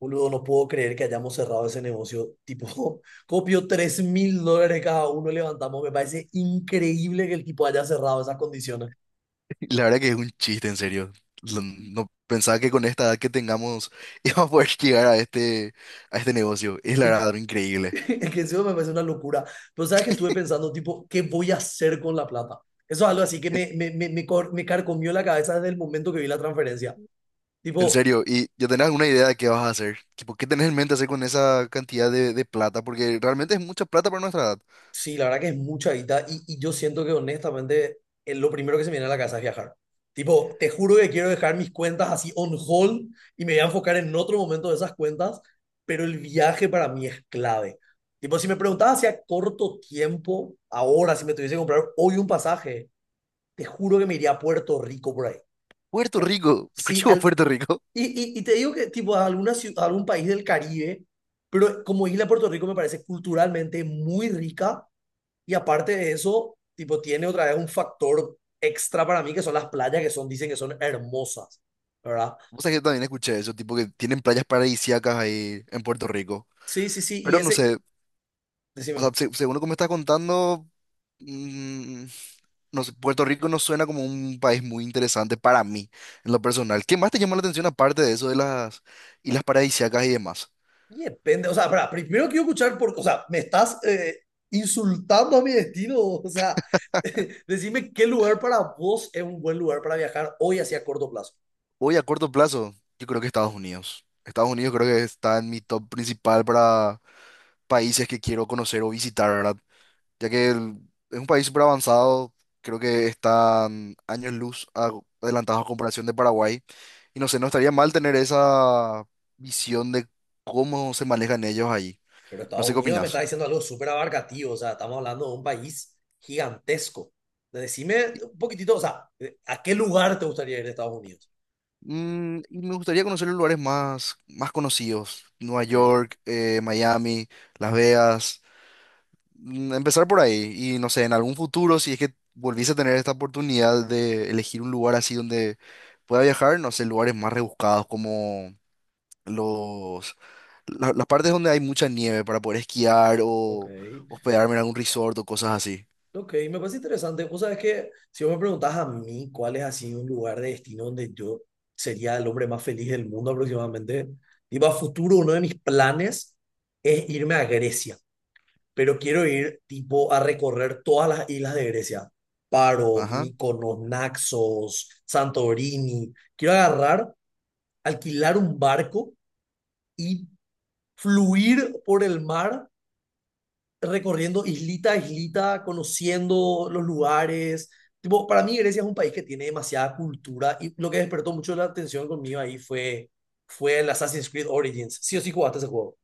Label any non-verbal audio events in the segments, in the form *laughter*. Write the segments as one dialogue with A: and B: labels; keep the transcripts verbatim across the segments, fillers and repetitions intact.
A: Boludo, no puedo creer que hayamos cerrado ese negocio. Tipo, *laughs* copió tres mil dólares cada uno, levantamos. Me parece increíble que el tipo haya cerrado esas condiciones.
B: La verdad que es un chiste, en serio. Lo- No pensaba que con esta edad que tengamos *laughs* íbamos a poder llegar a este, a este negocio. Es la
A: Es que,
B: verdad, algo
A: *laughs*
B: increíble.
A: es que encima me parece una locura. Pero sabes que estuve pensando, tipo, ¿qué voy a hacer con la plata? Eso es algo así que
B: En,
A: me, me, me, me, cor- me carcomió la cabeza desde el momento que vi la transferencia.
B: en
A: Tipo.
B: serio, ¿y ya tenés alguna idea de qué vas a hacer? Tipo, ¿qué tenés en mente hacer con esa cantidad de, de plata? Porque realmente es mucha plata para nuestra edad.
A: Sí, la verdad que es mucha guita y, y yo siento que honestamente eh, lo primero que se me viene a la cabeza es viajar. Tipo, te juro que quiero dejar mis cuentas así on hold y me voy a enfocar en otro momento de esas cuentas, pero el viaje para mí es clave. Tipo, si me preguntabas si a corto tiempo, ahora, si me tuviese que comprar hoy un pasaje, te juro que me iría a Puerto Rico por ahí.
B: Puerto
A: O-
B: Rico, *laughs* ¿por
A: sí.
B: qué vos
A: al,
B: Puerto Rico?
A: y, y, y te digo que tipo a, alguna ciu- a algún país del Caribe, pero como isla Puerto Rico me parece culturalmente muy rica y aparte de eso, tipo, tiene otra vez un factor extra para mí, que son las playas, que son, dicen que son hermosas, ¿verdad?
B: Vos sabés que también escuché eso, tipo que tienen playas paradisíacas ahí en Puerto Rico.
A: Sí, sí, sí. Y
B: Pero no
A: ese,
B: sé, o sea,
A: decime.
B: se- según lo que me estás contando, Mm, no sé, Puerto Rico no suena como un país muy interesante para mí, en lo personal. ¿Qué más te llama la atención aparte de eso de las islas paradisíacas y demás?
A: Y depende, o sea, para, primero quiero escuchar, por, o sea, me estás eh, insultando a mi destino, o sea, *laughs* decime qué lugar para vos es un buen lugar para viajar hoy hacia corto plazo.
B: Hoy a corto plazo, yo creo que Estados Unidos. Estados Unidos creo que está en mi top principal para países que quiero conocer o visitar, ¿verdad? Ya que el- es un país súper avanzado, creo que están años luz a- adelantados a comparación de Paraguay. Y no sé, no estaría mal tener esa visión de cómo se manejan ellos allí.
A: Pero
B: No
A: Estados
B: sé qué
A: Unidos me está
B: opinas.
A: diciendo algo súper abarcativo, o sea, estamos hablando de un país gigantesco. Decime un poquitito, o sea, ¿a qué lugar te gustaría ir de Estados Unidos?
B: Mm, y me gustaría conocer los lugares más, más conocidos, Nueva
A: Ok.
B: York, eh, Miami, Las Vegas. Mm, empezar por ahí y no sé, en algún futuro, si es que volviese a tener esta oportunidad de elegir un lugar así donde pueda viajar, no sé, lugares más rebuscados como los, la- las partes donde hay mucha nieve para poder esquiar
A: Ok,
B: o hospedarme en algún resort o cosas así.
A: ok, me parece interesante. Vos sabés que si vos me preguntás a mí cuál es así un lugar de destino donde yo sería el hombre más feliz del mundo aproximadamente, tipo a futuro uno de mis planes es irme a Grecia, pero quiero ir tipo a recorrer todas las islas de Grecia, Paros,
B: Ajá.
A: Mykonos, Naxos, Santorini. Quiero agarrar, alquilar un barco y fluir por el mar recorriendo islita a islita, conociendo los lugares. Tipo, para mí Grecia es un país que tiene demasiada cultura y lo que despertó mucho la atención conmigo ahí fue, fue el Assassin's Creed Origins. Sí o sí jugaste ese juego.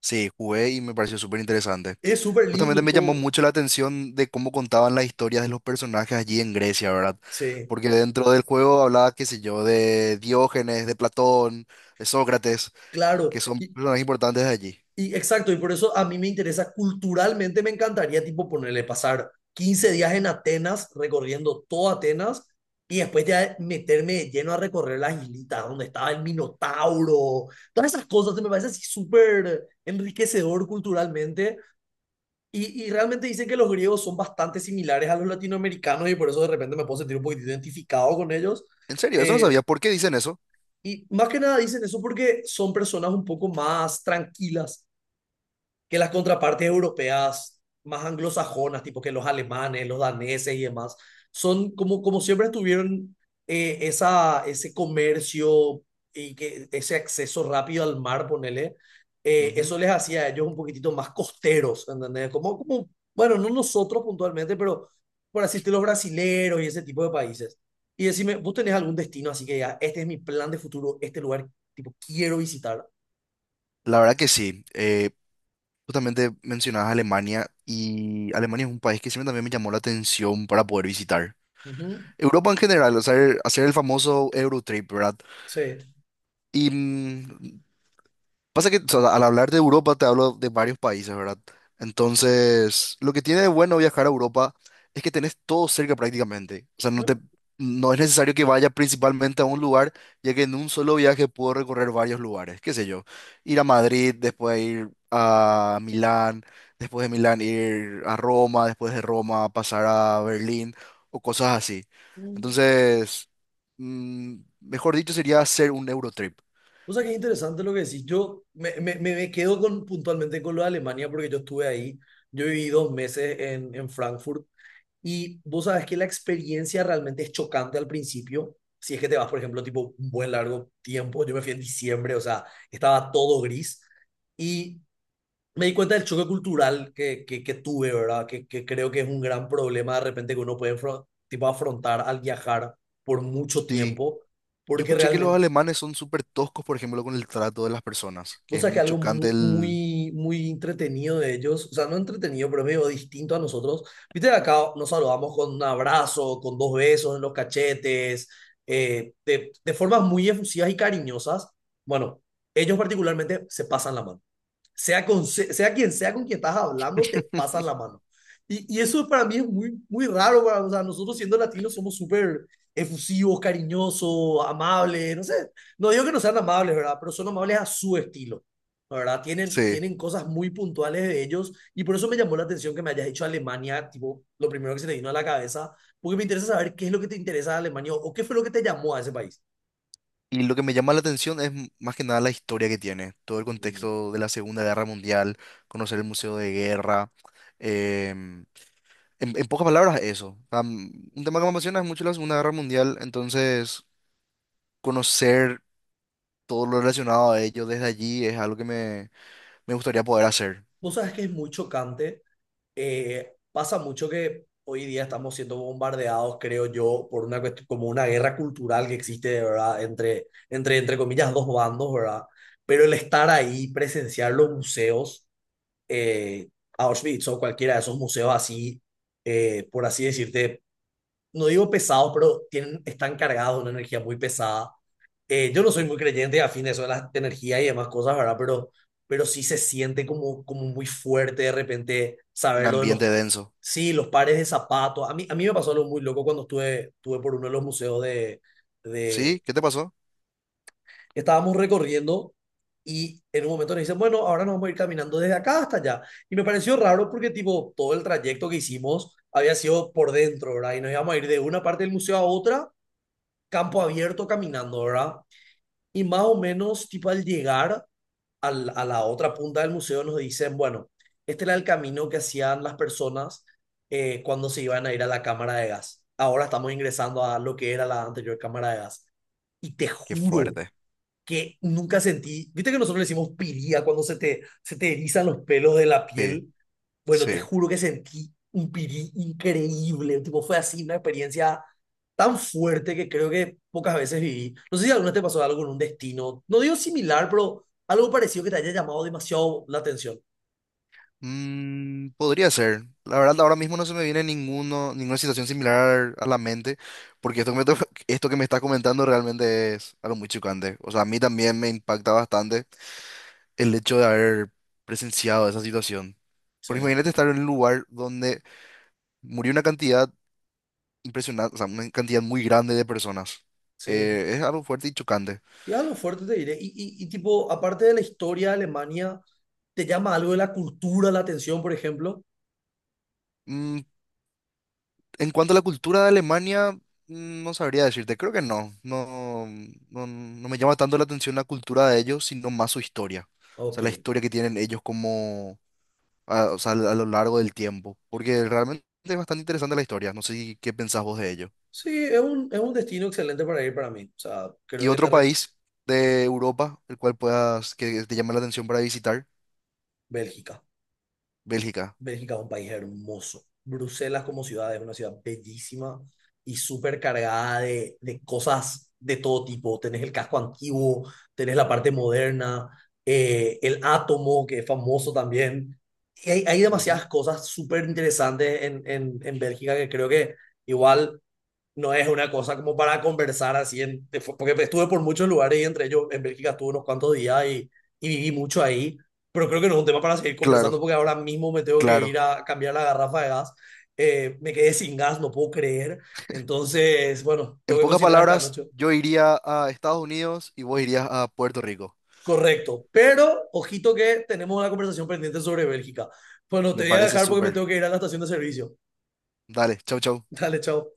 B: Sí, jugué y me pareció súper interesante.
A: Es súper
B: Justamente
A: lindo
B: me llamó
A: todo.
B: mucho la atención de cómo contaban las historias de los personajes allí en Grecia, ¿verdad?
A: Sí,
B: Porque dentro del juego hablaba, qué sé yo, de Diógenes, de Platón, de Sócrates,
A: claro.
B: que son
A: Y
B: personajes importantes de allí.
A: Y exacto, y por eso a mí me interesa, culturalmente me encantaría, tipo, ponerle pasar quince días en Atenas, recorriendo toda Atenas, y después ya meterme de lleno a recorrer las islitas, donde estaba el Minotauro, todas esas cosas, me parece así súper enriquecedor culturalmente, y, y realmente dicen que los griegos son bastante similares a los latinoamericanos, y por eso de repente me puedo sentir un poquito identificado con ellos.
B: En serio, eso no
A: Eh,
B: sabía. ¿Por qué dicen eso?
A: y más que nada dicen eso porque son personas un poco más tranquilas que las contrapartes europeas más anglosajonas, tipo que los alemanes, los daneses y demás, son como, como siempre tuvieron eh, esa, ese comercio y que, ese acceso rápido al mar, ponele, eh,
B: Ujú.
A: eso les hacía a ellos un poquitito más costeros, ¿entendés? Como, como, bueno, no nosotros puntualmente, pero por así decirlo, los brasileros y ese tipo de países. Y decime, ¿vos tenés algún destino así que ya, este es mi plan de futuro, este lugar, tipo, quiero visitar?
B: La verdad que sí. Eh, justamente mencionabas Alemania y Alemania es un país que siempre también me llamó la atención para poder visitar.
A: Ujú.
B: Europa en general, hacer, hacer el famoso Eurotrip, ¿verdad?
A: Sí.
B: Y mm, pasa que o sea, al hablar de Europa te hablo de varios países, ¿verdad? Entonces, lo que tiene de bueno viajar a Europa es que tenés todo cerca prácticamente. O sea, no te,
A: Bueno,
B: no es necesario que vaya principalmente a un lugar, ya que en un solo viaje puedo recorrer varios lugares. Qué sé yo, ir a Madrid, después ir a Milán, después de Milán ir a Roma, después de Roma pasar a Berlín o cosas así.
A: mm.
B: Entonces, mm, mejor dicho, sería hacer un Eurotrip.
A: O sea, qué interesante lo que decís. Yo me, me, me- me quedo con, puntualmente con lo de Alemania porque yo estuve ahí. Yo viví dos meses en, en Frankfurt y vos sabes que la experiencia realmente es chocante al principio. Si es que te vas, por ejemplo, tipo un buen largo tiempo. Yo me fui en diciembre, o sea, estaba todo gris y me di cuenta del choque cultural que, que, que tuve, ¿verdad? Que, que creo que es un gran problema de repente que uno puede afro- tipo, afrontar al viajar por mucho
B: Sí,
A: tiempo
B: yo
A: porque
B: escuché que los
A: realmente.
B: alemanes son súper toscos, por ejemplo, con el trato de las personas, que
A: Vos
B: es
A: sabés que
B: muy
A: algo
B: chocante
A: mu-
B: el...
A: muy, muy entretenido de ellos, o sea, no entretenido, pero medio distinto a nosotros. Viste que acá nos saludamos con un abrazo, con dos besos en los cachetes, eh, de, de formas muy efusivas y cariñosas. Bueno, ellos particularmente se pasan la mano sea, con, sea quien sea con quien estás hablando, te pasan la mano. Y, y eso para mí es muy, muy raro. O sea, nosotros siendo latinos somos súper efusivos, cariñosos, amables, no sé. No digo que no sean amables, ¿verdad? Pero son amables a su estilo, ¿no?, ¿verdad? Tienen,
B: Sí.
A: tienen cosas muy puntuales de ellos y por eso me llamó la atención que me hayas dicho Alemania, tipo, lo primero que se te vino a la cabeza, porque me interesa saber qué es lo que te interesa de Alemania o qué fue lo que te llamó a ese país.
B: Y lo que me llama la atención es m- más que nada la historia que tiene, todo el contexto de la Segunda Guerra Mundial, conocer el Museo de Guerra. em, en, en pocas palabras, eso. Am, un tema que me apasiona es mucho la Segunda Guerra Mundial, entonces conocer todo lo relacionado a ello desde allí es algo que me, me gustaría poder hacer.
A: Vos sabes que es muy chocante eh, pasa mucho que hoy día estamos siendo bombardeados, creo yo, por una cuestión, como una guerra cultural que existe, ¿verdad? Entre, entre, entre comillas, dos bandos, ¿verdad? Pero el estar ahí, presenciar los museos, eh, Auschwitz o cualquiera de esos museos así, eh, por así decirte, no digo pesados, pero tienen, están cargados de una energía muy pesada eh, yo no soy muy creyente afín a eso de las energías y demás cosas, ¿verdad? Pero, pero sí se siente como, como muy fuerte de repente
B: Un
A: saber lo de los,
B: ambiente denso.
A: sí, los pares de zapatos. A mí, a mí me pasó algo muy loco cuando estuve, estuve por uno de los museos de,
B: ¿Sí?
A: de.
B: ¿Qué te pasó?
A: Estábamos recorriendo y en un momento nos dicen, bueno, ahora nos vamos a ir caminando desde acá hasta allá. Y me pareció raro porque tipo todo el trayecto que hicimos había sido por dentro, ¿verdad? Y nos íbamos a ir de una parte del museo a otra, campo abierto, caminando, ¿verdad? Y más o menos, tipo al llegar al- a la otra punta del museo, nos dicen, bueno, este era el camino que hacían las personas eh, cuando se iban a ir a la cámara de gas. Ahora estamos ingresando a lo que era la anterior cámara de gas. Y te
B: Qué
A: juro
B: fuerte.
A: que nunca sentí, viste que nosotros le decimos piría cuando se te, se te erizan los pelos de la
B: Sí,
A: piel. Bueno, te
B: sí.
A: juro que sentí un pirí increíble. Tipo, fue así una experiencia tan fuerte que creo que pocas veces viví. No sé si alguna vez te pasó algo con un destino. No digo similar, pero algo parecido que te haya llamado demasiado la atención.
B: Mm, podría ser. La verdad, ahora mismo no se me viene ninguno, ninguna situación similar a la mente, porque esto que me, to- *laughs* esto que me estás comentando realmente es algo muy chocante. O sea, a mí también me impacta bastante el hecho de haber presenciado esa situación.
A: Sí,
B: Porque imagínate estar en un lugar donde murió una cantidad impresionante, o sea, una cantidad muy grande de personas.
A: sí.
B: Eh, es algo fuerte y chocante.
A: Y algo fuerte te diré. Y, y, y tipo, aparte de la historia de Alemania, ¿te llama algo de la cultura la atención, por ejemplo?
B: Mm. En cuanto a la cultura de Alemania, mm, no sabría decirte, creo que no. No, no, no me llama tanto la atención la cultura de ellos, sino más su historia. O
A: Ok.
B: sea, la historia que tienen ellos como, a, o sea, a lo largo del tiempo. Porque realmente es bastante interesante la historia. No sé si- ¿Qué pensás vos de ello?
A: Sí, es un, es un destino excelente para ir para mí. O sea,
B: ¿Y
A: creo que te
B: otro
A: re-.
B: país de Europa, el cual puedas, que te llame la atención para visitar?
A: Bélgica.
B: Bélgica.
A: Bélgica es un país hermoso. Bruselas como ciudad es una ciudad bellísima y súper cargada de, de cosas de todo tipo. Tenés el casco antiguo, tenés la parte moderna, eh, el átomo, que es famoso también. Y hay, hay
B: Ujú.
A: demasiadas cosas súper interesantes en, en, en Bélgica que creo que igual no es una cosa como para conversar así, en, de- porque estuve por muchos lugares y entre ellos en Bélgica estuve unos cuantos días y, y viví mucho ahí, pero creo que no es un tema para seguir
B: Claro,
A: conversando porque ahora mismo me tengo que ir
B: claro.
A: a cambiar la garrafa de gas. Eh, me quedé sin gas, no puedo creer. Entonces, bueno,
B: En
A: tengo que
B: pocas
A: cocinar esta
B: palabras,
A: noche.
B: yo iría a Estados Unidos y vos irías a Puerto Rico.
A: Correcto. Pero, ojito que tenemos una conversación pendiente sobre Bélgica. Bueno, te
B: Me
A: voy a
B: parece
A: dejar porque me
B: súper.
A: tengo que ir a la estación de servicio.
B: Dale, chau, chau.
A: *laughs* Dale, chao.